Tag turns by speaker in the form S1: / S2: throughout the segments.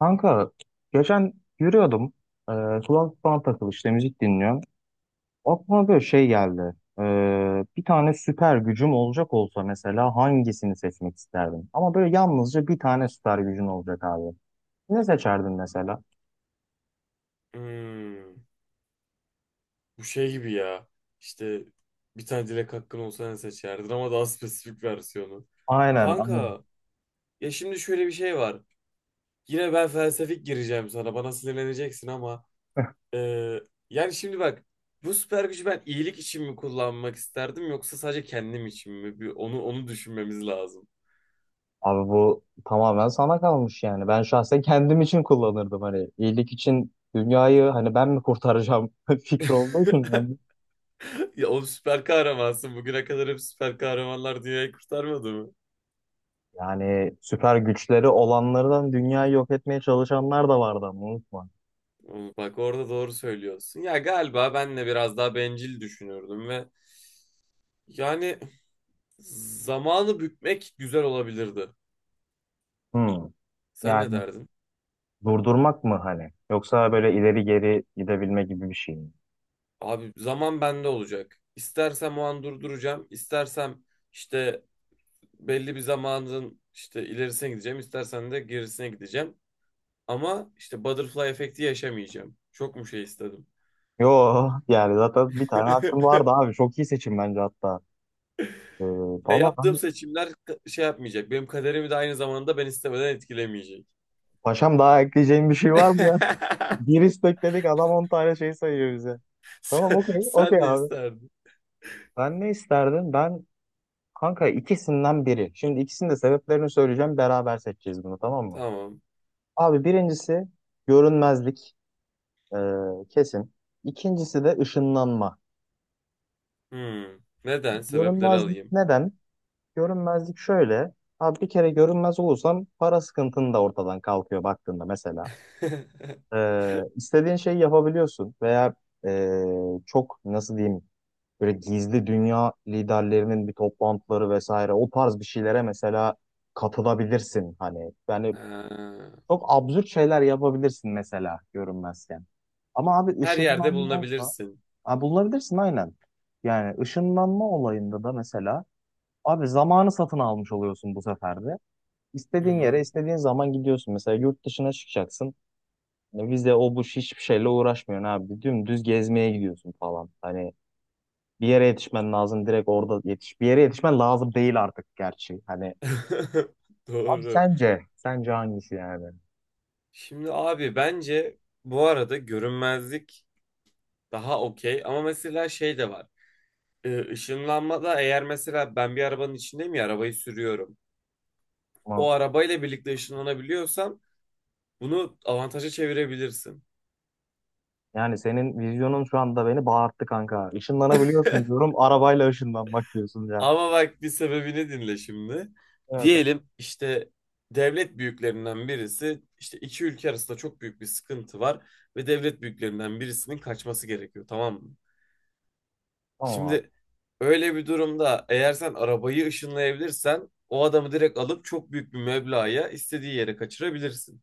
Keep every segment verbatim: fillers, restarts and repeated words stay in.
S1: Kanka geçen yürüyordum. E, Kulaklık falan takılı işte müzik dinliyorum. Aklıma böyle şey geldi. E, Bir tane süper gücüm olacak olsa mesela hangisini seçmek isterdim? Ama böyle yalnızca bir tane süper gücün olacak abi. Ne seçerdin mesela?
S2: Hmm, bu şey gibi ya. İşte bir tane dilek hakkın olsa ne seçerdin ama daha spesifik versiyonu.
S1: Aynen, aynen.
S2: Kanka ya şimdi şöyle bir şey var. Yine ben felsefik gireceğim sana. Bana sinirleneceksin ama e, yani şimdi bak bu süper gücü ben iyilik için mi kullanmak isterdim yoksa sadece kendim için mi? Bir onu onu düşünmemiz lazım.
S1: Abi bu tamamen sana kalmış yani. Ben şahsen kendim için kullanırdım hani iyilik için dünyayı hani ben mi kurtaracağım fikri olduğu için ben.
S2: Ya o süper kahramansın. Bugüne kadar hep süper kahramanlar dünyayı kurtarmadı mı?
S1: Yani süper güçleri olanlardan dünyayı yok etmeye çalışanlar da vardı ama unutma.
S2: Bak orada doğru söylüyorsun. Ya galiba ben de biraz daha bencil düşünürdüm ve yani zamanı bükmek güzel olabilirdi.
S1: Hmm.
S2: Sen ne
S1: Yani
S2: derdin?
S1: durdurmak mı hani? Yoksa böyle ileri geri gidebilme gibi bir şey mi?
S2: Abi zaman bende olacak. İstersem o an durduracağım. İstersem işte belli bir zamanın işte ilerisine gideceğim. İstersen de gerisine gideceğim. Ama işte butterfly efekti yaşamayacağım. Çok mu şey istedim?
S1: Yo yani zaten bir tane hakkım vardı abi. Çok iyi seçim bence hatta. Ee,
S2: Ya
S1: Valla
S2: yaptığım
S1: ben
S2: seçimler şey yapmayacak. Benim kaderimi de aynı zamanda ben istemeden etkilemeyecek.
S1: paşam daha ekleyeceğim bir şey var mı ya? Bir istek dedik adam on tane şey sayıyor bize. Tamam
S2: Sen,
S1: okey
S2: sen
S1: okey
S2: ne
S1: abi.
S2: isterdin?
S1: Ben ne isterdim? Ben kanka ikisinden biri. Şimdi ikisinin de sebeplerini söyleyeceğim. Beraber seçeceğiz bunu, tamam mı?
S2: Tamam.
S1: Abi birincisi görünmezlik, e, kesin. İkincisi de ışınlanma.
S2: Hmm. Neden? Sebepleri
S1: Görünmezlik
S2: alayım.
S1: neden? Görünmezlik şöyle. Abi bir kere görünmez olursan para sıkıntın da ortadan kalkıyor baktığında mesela. E, istediğin şeyi yapabiliyorsun veya e, çok nasıl diyeyim böyle gizli dünya liderlerinin bir toplantıları vesaire o tarz bir şeylere mesela katılabilirsin. Hani yani.
S2: Ee,
S1: Çok absürt şeyler yapabilirsin mesela görünmezken. Ama abi
S2: her yerde
S1: ışınlanma olsa.
S2: bulunabilirsin.
S1: Ha, bulabilirsin aynen. Yani ışınlanma olayında da mesela abi zamanı satın almış oluyorsun bu sefer de.
S2: Hı
S1: İstediğin yere
S2: hı.
S1: istediğin zaman gidiyorsun. Mesela yurt dışına çıkacaksın. Ne vize o bu, hiçbir şeyle uğraşmıyorsun abi. Dümdüz gezmeye gidiyorsun falan. Hani bir yere yetişmen lazım, direkt orada yetiş. Bir yere yetişmen lazım değil artık gerçi. Hani abi
S2: Doğru.
S1: sence sence hangisi yani?
S2: Şimdi abi bence bu arada görünmezlik daha okey ama mesela şey de var. Ee, ışınlanmada eğer mesela ben bir arabanın içindeyim ya arabayı sürüyorum.
S1: Tamam.
S2: O arabayla birlikte ışınlanabiliyorsam bunu avantaja çevirebilirsin.
S1: Yani senin vizyonun şu anda beni bağırttı kanka. Işınlanabiliyorsun diyorum. Arabayla ışınlanmak diyorsun ya.
S2: Ama bak bir sebebini dinle şimdi.
S1: Evet abi,
S2: Diyelim işte devlet büyüklerinden birisi işte iki ülke arasında çok büyük bir sıkıntı var ve devlet büyüklerinden birisinin kaçması gerekiyor tamam mı?
S1: tamam abi.
S2: Şimdi öyle bir durumda eğer sen arabayı ışınlayabilirsen o adamı direkt alıp çok büyük bir meblağa istediği yere kaçırabilirsin.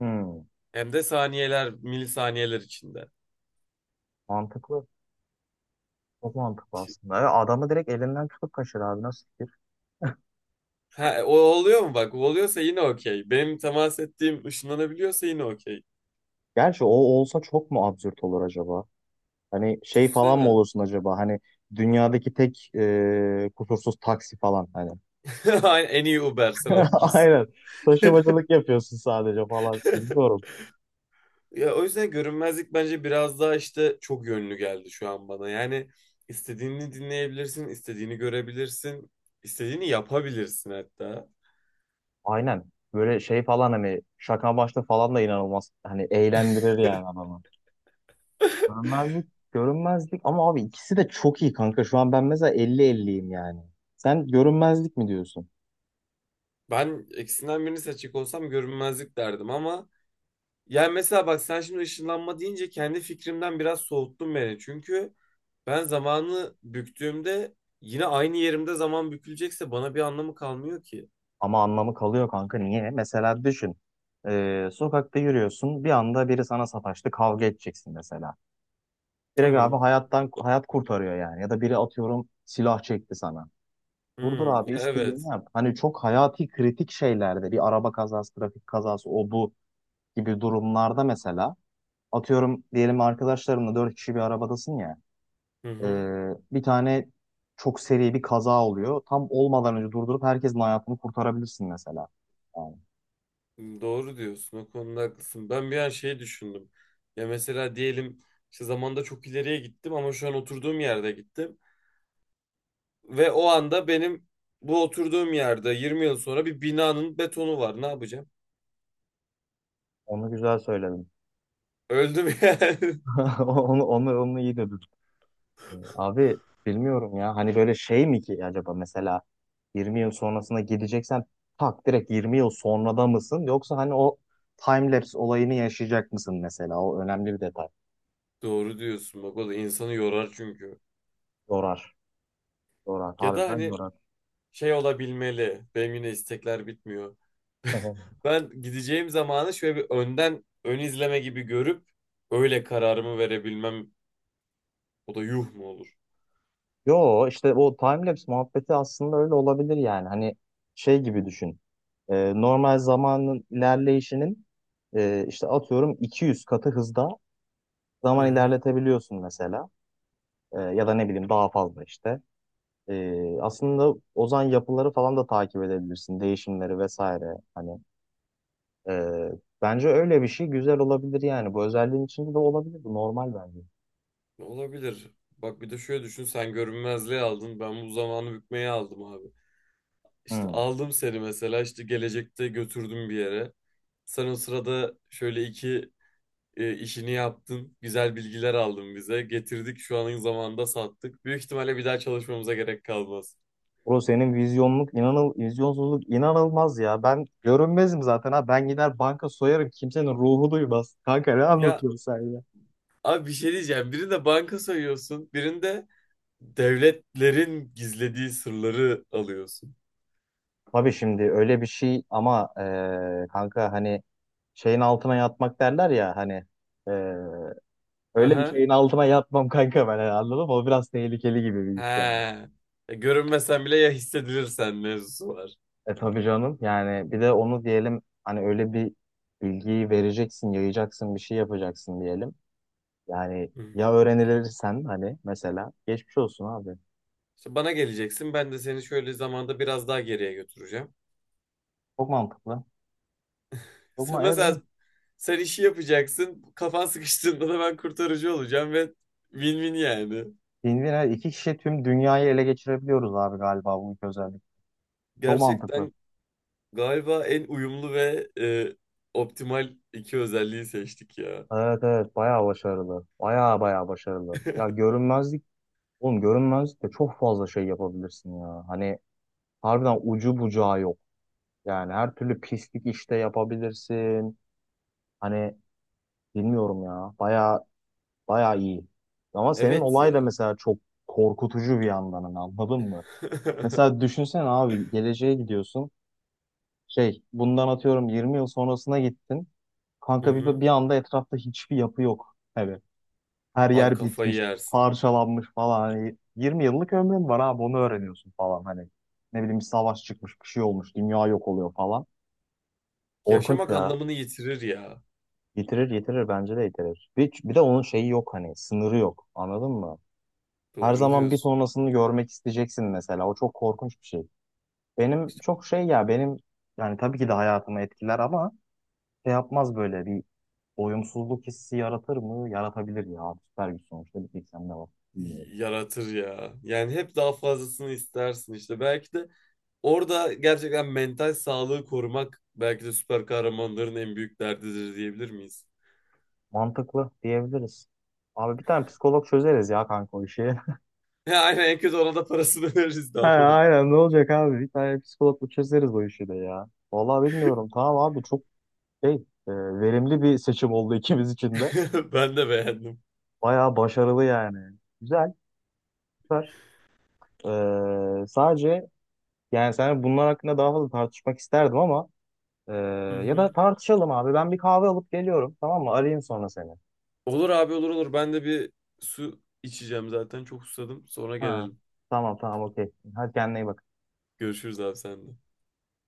S1: Hmm,
S2: Hem de saniyeler, milisaniyeler içinde.
S1: mantıklı. Çok mantıklı aslında. Ya adamı direkt elinden tutup kaçır abi, nasıl fikir?
S2: Ha, o oluyor mu bak? O oluyorsa yine okey. Benim temas ettiğim ışınlanabiliyorsa yine okey.
S1: Gerçi o olsa çok mu absürt olur acaba? Hani şey falan mı
S2: Düşünsene.
S1: olursun acaba? Hani dünyadaki tek e, kusursuz taksi falan hani.
S2: Aynen, en iyi Uber sen olursun.
S1: Aynen. Taşımacılık yapıyorsun sadece falan. Bilmiyorum.
S2: Ya o yüzden görünmezlik bence biraz daha işte çok yönlü geldi şu an bana. Yani istediğini dinleyebilirsin, istediğini görebilirsin, istediğini yapabilirsin hatta.
S1: Aynen. Böyle şey falan hani şaka başta falan da inanılmaz. Hani eğlendirir yani adamı. Görünmezlik, görünmezlik ama abi ikisi de çok iyi kanka. Şu an ben mesela elli elliyim yani. Sen görünmezlik mi diyorsun?
S2: Ben ikisinden birini seçecek olsam görünmezlik derdim ama yani mesela bak sen şimdi ışınlanma deyince kendi fikrimden biraz soğuttun beni. Çünkü ben zamanı büktüğümde yine aynı yerimde zaman bükülecekse bana bir anlamı kalmıyor ki.
S1: Ama anlamı kalıyor kanka, niye? Mesela düşün. Ee, sokakta yürüyorsun. Bir anda biri sana sataştı. Kavga edeceksin mesela. Direkt abi
S2: Tamam.
S1: hayattan hayat kurtarıyor yani. Ya da biri, atıyorum, silah çekti sana. Durdur
S2: Hmm,
S1: abi,
S2: ya
S1: istediğini
S2: evet.
S1: yap. Hani çok hayati kritik şeylerde bir araba kazası, trafik kazası o bu gibi durumlarda mesela atıyorum diyelim arkadaşlarımla dört kişi bir arabadasın ya.
S2: Hı hı.
S1: Ee, bir tane çok seri bir kaza oluyor. Tam olmadan önce durdurup herkesin hayatını kurtarabilirsin mesela. Yani.
S2: Doğru diyorsun. O konuda haklısın. Ben bir an şey düşündüm. Ya mesela diyelim işte zamanda çok ileriye gittim ama şu an oturduğum yerde gittim. Ve o anda benim bu oturduğum yerde yirmi yıl sonra bir binanın betonu var. Ne yapacağım?
S1: Onu güzel söyledin.
S2: Öldüm yani.
S1: onu, onu, onu iyi dedin. Ee, Abi bilmiyorum ya. Hani böyle şey mi ki acaba mesela yirmi yıl sonrasına gideceksen tak direkt yirmi yıl sonrada mısın? Yoksa hani o time-lapse olayını yaşayacak mısın mesela? O önemli bir detay.
S2: Doğru diyorsun. Bak o da insanı yorar çünkü.
S1: Yorar. Yorar.
S2: Ya da
S1: Harbiden
S2: hani
S1: yorar.
S2: şey olabilmeli. Benim yine istekler bitmiyor. Ben gideceğim zamanı şöyle bir önden ön izleme gibi görüp öyle kararımı verebilmem. O da yuh mu olur?
S1: Yo işte o time-lapse muhabbeti aslında öyle olabilir yani. Hani şey gibi düşün. E, normal zamanın ilerleyişinin e, işte atıyorum iki yüz katı hızda
S2: Hı
S1: zaman
S2: hı.
S1: ilerletebiliyorsun mesela. E, ya da ne bileyim daha fazla işte. E, aslında ozan yapıları falan da takip edebilirsin. Değişimleri vesaire. Hani e, bence öyle bir şey güzel olabilir yani. Bu özelliğin içinde de olabilir. Bu normal bence.
S2: Olabilir. Bak bir de şöyle düşün sen görünmezliği aldın ben bu zamanı bükmeye aldım abi. İşte
S1: Hmm.
S2: aldım seni mesela işte gelecekte götürdüm bir yere. Sen o sırada şöyle iki e, işini yaptın güzel bilgiler aldın bize getirdik şu anın zamanında sattık. Büyük ihtimalle bir daha çalışmamıza gerek kalmaz.
S1: Bro senin vizyonluk, inanıl, vizyonsuzluk inanılmaz ya. Ben görünmezim zaten ha. Ben gider banka soyarım. Kimsenin ruhu duymaz. Kanka ne
S2: Ya
S1: anlatıyorsun sen ya?
S2: abi bir şey diyeceğim birinde banka soyuyorsun birinde devletlerin gizlediği sırları alıyorsun.
S1: Tabii şimdi öyle bir şey ama e, kanka hani şeyin altına yatmak derler ya hani e, öyle bir
S2: Aha.
S1: şeyin altına yatmam kanka ben yani, anladın mı? O biraz tehlikeli gibi bir iş yani.
S2: He. Ya görünmesen bile ya hissedilirsen mevzusu var.
S1: E tabii canım, yani bir de onu diyelim hani öyle bir bilgiyi vereceksin, yayacaksın, bir şey yapacaksın diyelim. Yani
S2: Hı.
S1: ya öğrenilirsen hani mesela geçmiş olsun abi.
S2: İşte bana geleceksin. Ben de seni şöyle zamanda biraz daha geriye götüreceğim.
S1: Çok mantıklı. Çok
S2: Sen
S1: ma Evet, evet.
S2: mesela sen işi yapacaksın. Kafan sıkıştığında da ben kurtarıcı olacağım ve win-win yani.
S1: Win-win, evet, iki kişi tüm dünyayı ele geçirebiliyoruz abi, galiba bu iki özellik. Çok mantıklı.
S2: Gerçekten galiba en uyumlu ve e, optimal iki özelliği seçtik ya.
S1: Evet evet, bayağı başarılı. Bayağı bayağı başarılı. Ya görünmezlik, oğlum görünmezlik de çok fazla şey yapabilirsin ya. Hani harbiden ucu bucağı yok. Yani her türlü pislik işte yapabilirsin. Hani bilmiyorum ya. Bayağı bayağı iyi. Ama senin
S2: Evet
S1: olay da
S2: ya.
S1: mesela çok korkutucu bir yandan hani, anladın mı? Mesela düşünsene abi geleceğe gidiyorsun. Şey, bundan atıyorum yirmi yıl sonrasına gittin.
S2: Hı
S1: Kanka bir,
S2: hı.
S1: bir anda etrafta hiçbir yapı yok. Evet. Her
S2: Abi
S1: yer
S2: kafayı
S1: bitmiş,
S2: yersin.
S1: parçalanmış falan. Hani yirmi yıllık ömrün var abi, onu öğreniyorsun falan. Hani ne bileyim bir savaş çıkmış, bir şey olmuş, dünya yok oluyor falan. Korkunç
S2: Yaşamak
S1: ya.
S2: anlamını yitirir ya.
S1: Yitirir yitirir bence de yitirir. Bir, bir de onun şeyi yok, hani sınırı yok, anladın mı? Her
S2: Doğru
S1: zaman bir
S2: diyorsun.
S1: sonrasını görmek isteyeceksin mesela. O çok korkunç bir şey. Benim çok şey ya benim yani tabii ki de hayatımı etkiler ama şey yapmaz, böyle bir doyumsuzluk hissi yaratır mı? Yaratabilir ya. Süper güç sonuçta bir tek sende var.
S2: Yaratır ya. Yani hep daha fazlasını istersin işte. Belki de orada gerçekten mental sağlığı korumak belki de süper kahramanların en büyük derdidir diyebilir miyiz?
S1: Mantıklı diyebiliriz. Abi bir tane psikolog çözeriz ya kanka o işi.
S2: Ya aynen en kötü ona da parasını veririz ne
S1: He,
S2: yapalım.
S1: aynen ne olacak abi? Bir tane psikologla çözeriz o işi de ya. Vallahi bilmiyorum. Tamam abi çok şey, e, verimli bir seçim oldu ikimiz için de.
S2: Ben de beğendim.
S1: Bayağı başarılı yani. Güzel, süper. Ee, sadece yani sen bunlar hakkında daha fazla tartışmak isterdim ama e,
S2: Hı
S1: ya da
S2: hı.
S1: tartışalım abi. Ben bir kahve alıp geliyorum. Tamam mı? Arayayım sonra seni.
S2: Olur abi olur olur. Ben de bir su içeceğim zaten. Çok susadım. Sonra
S1: Ha.
S2: gelelim.
S1: Tamam tamam okey. Hadi kendine iyi bak.
S2: Görüşürüz abi sen de.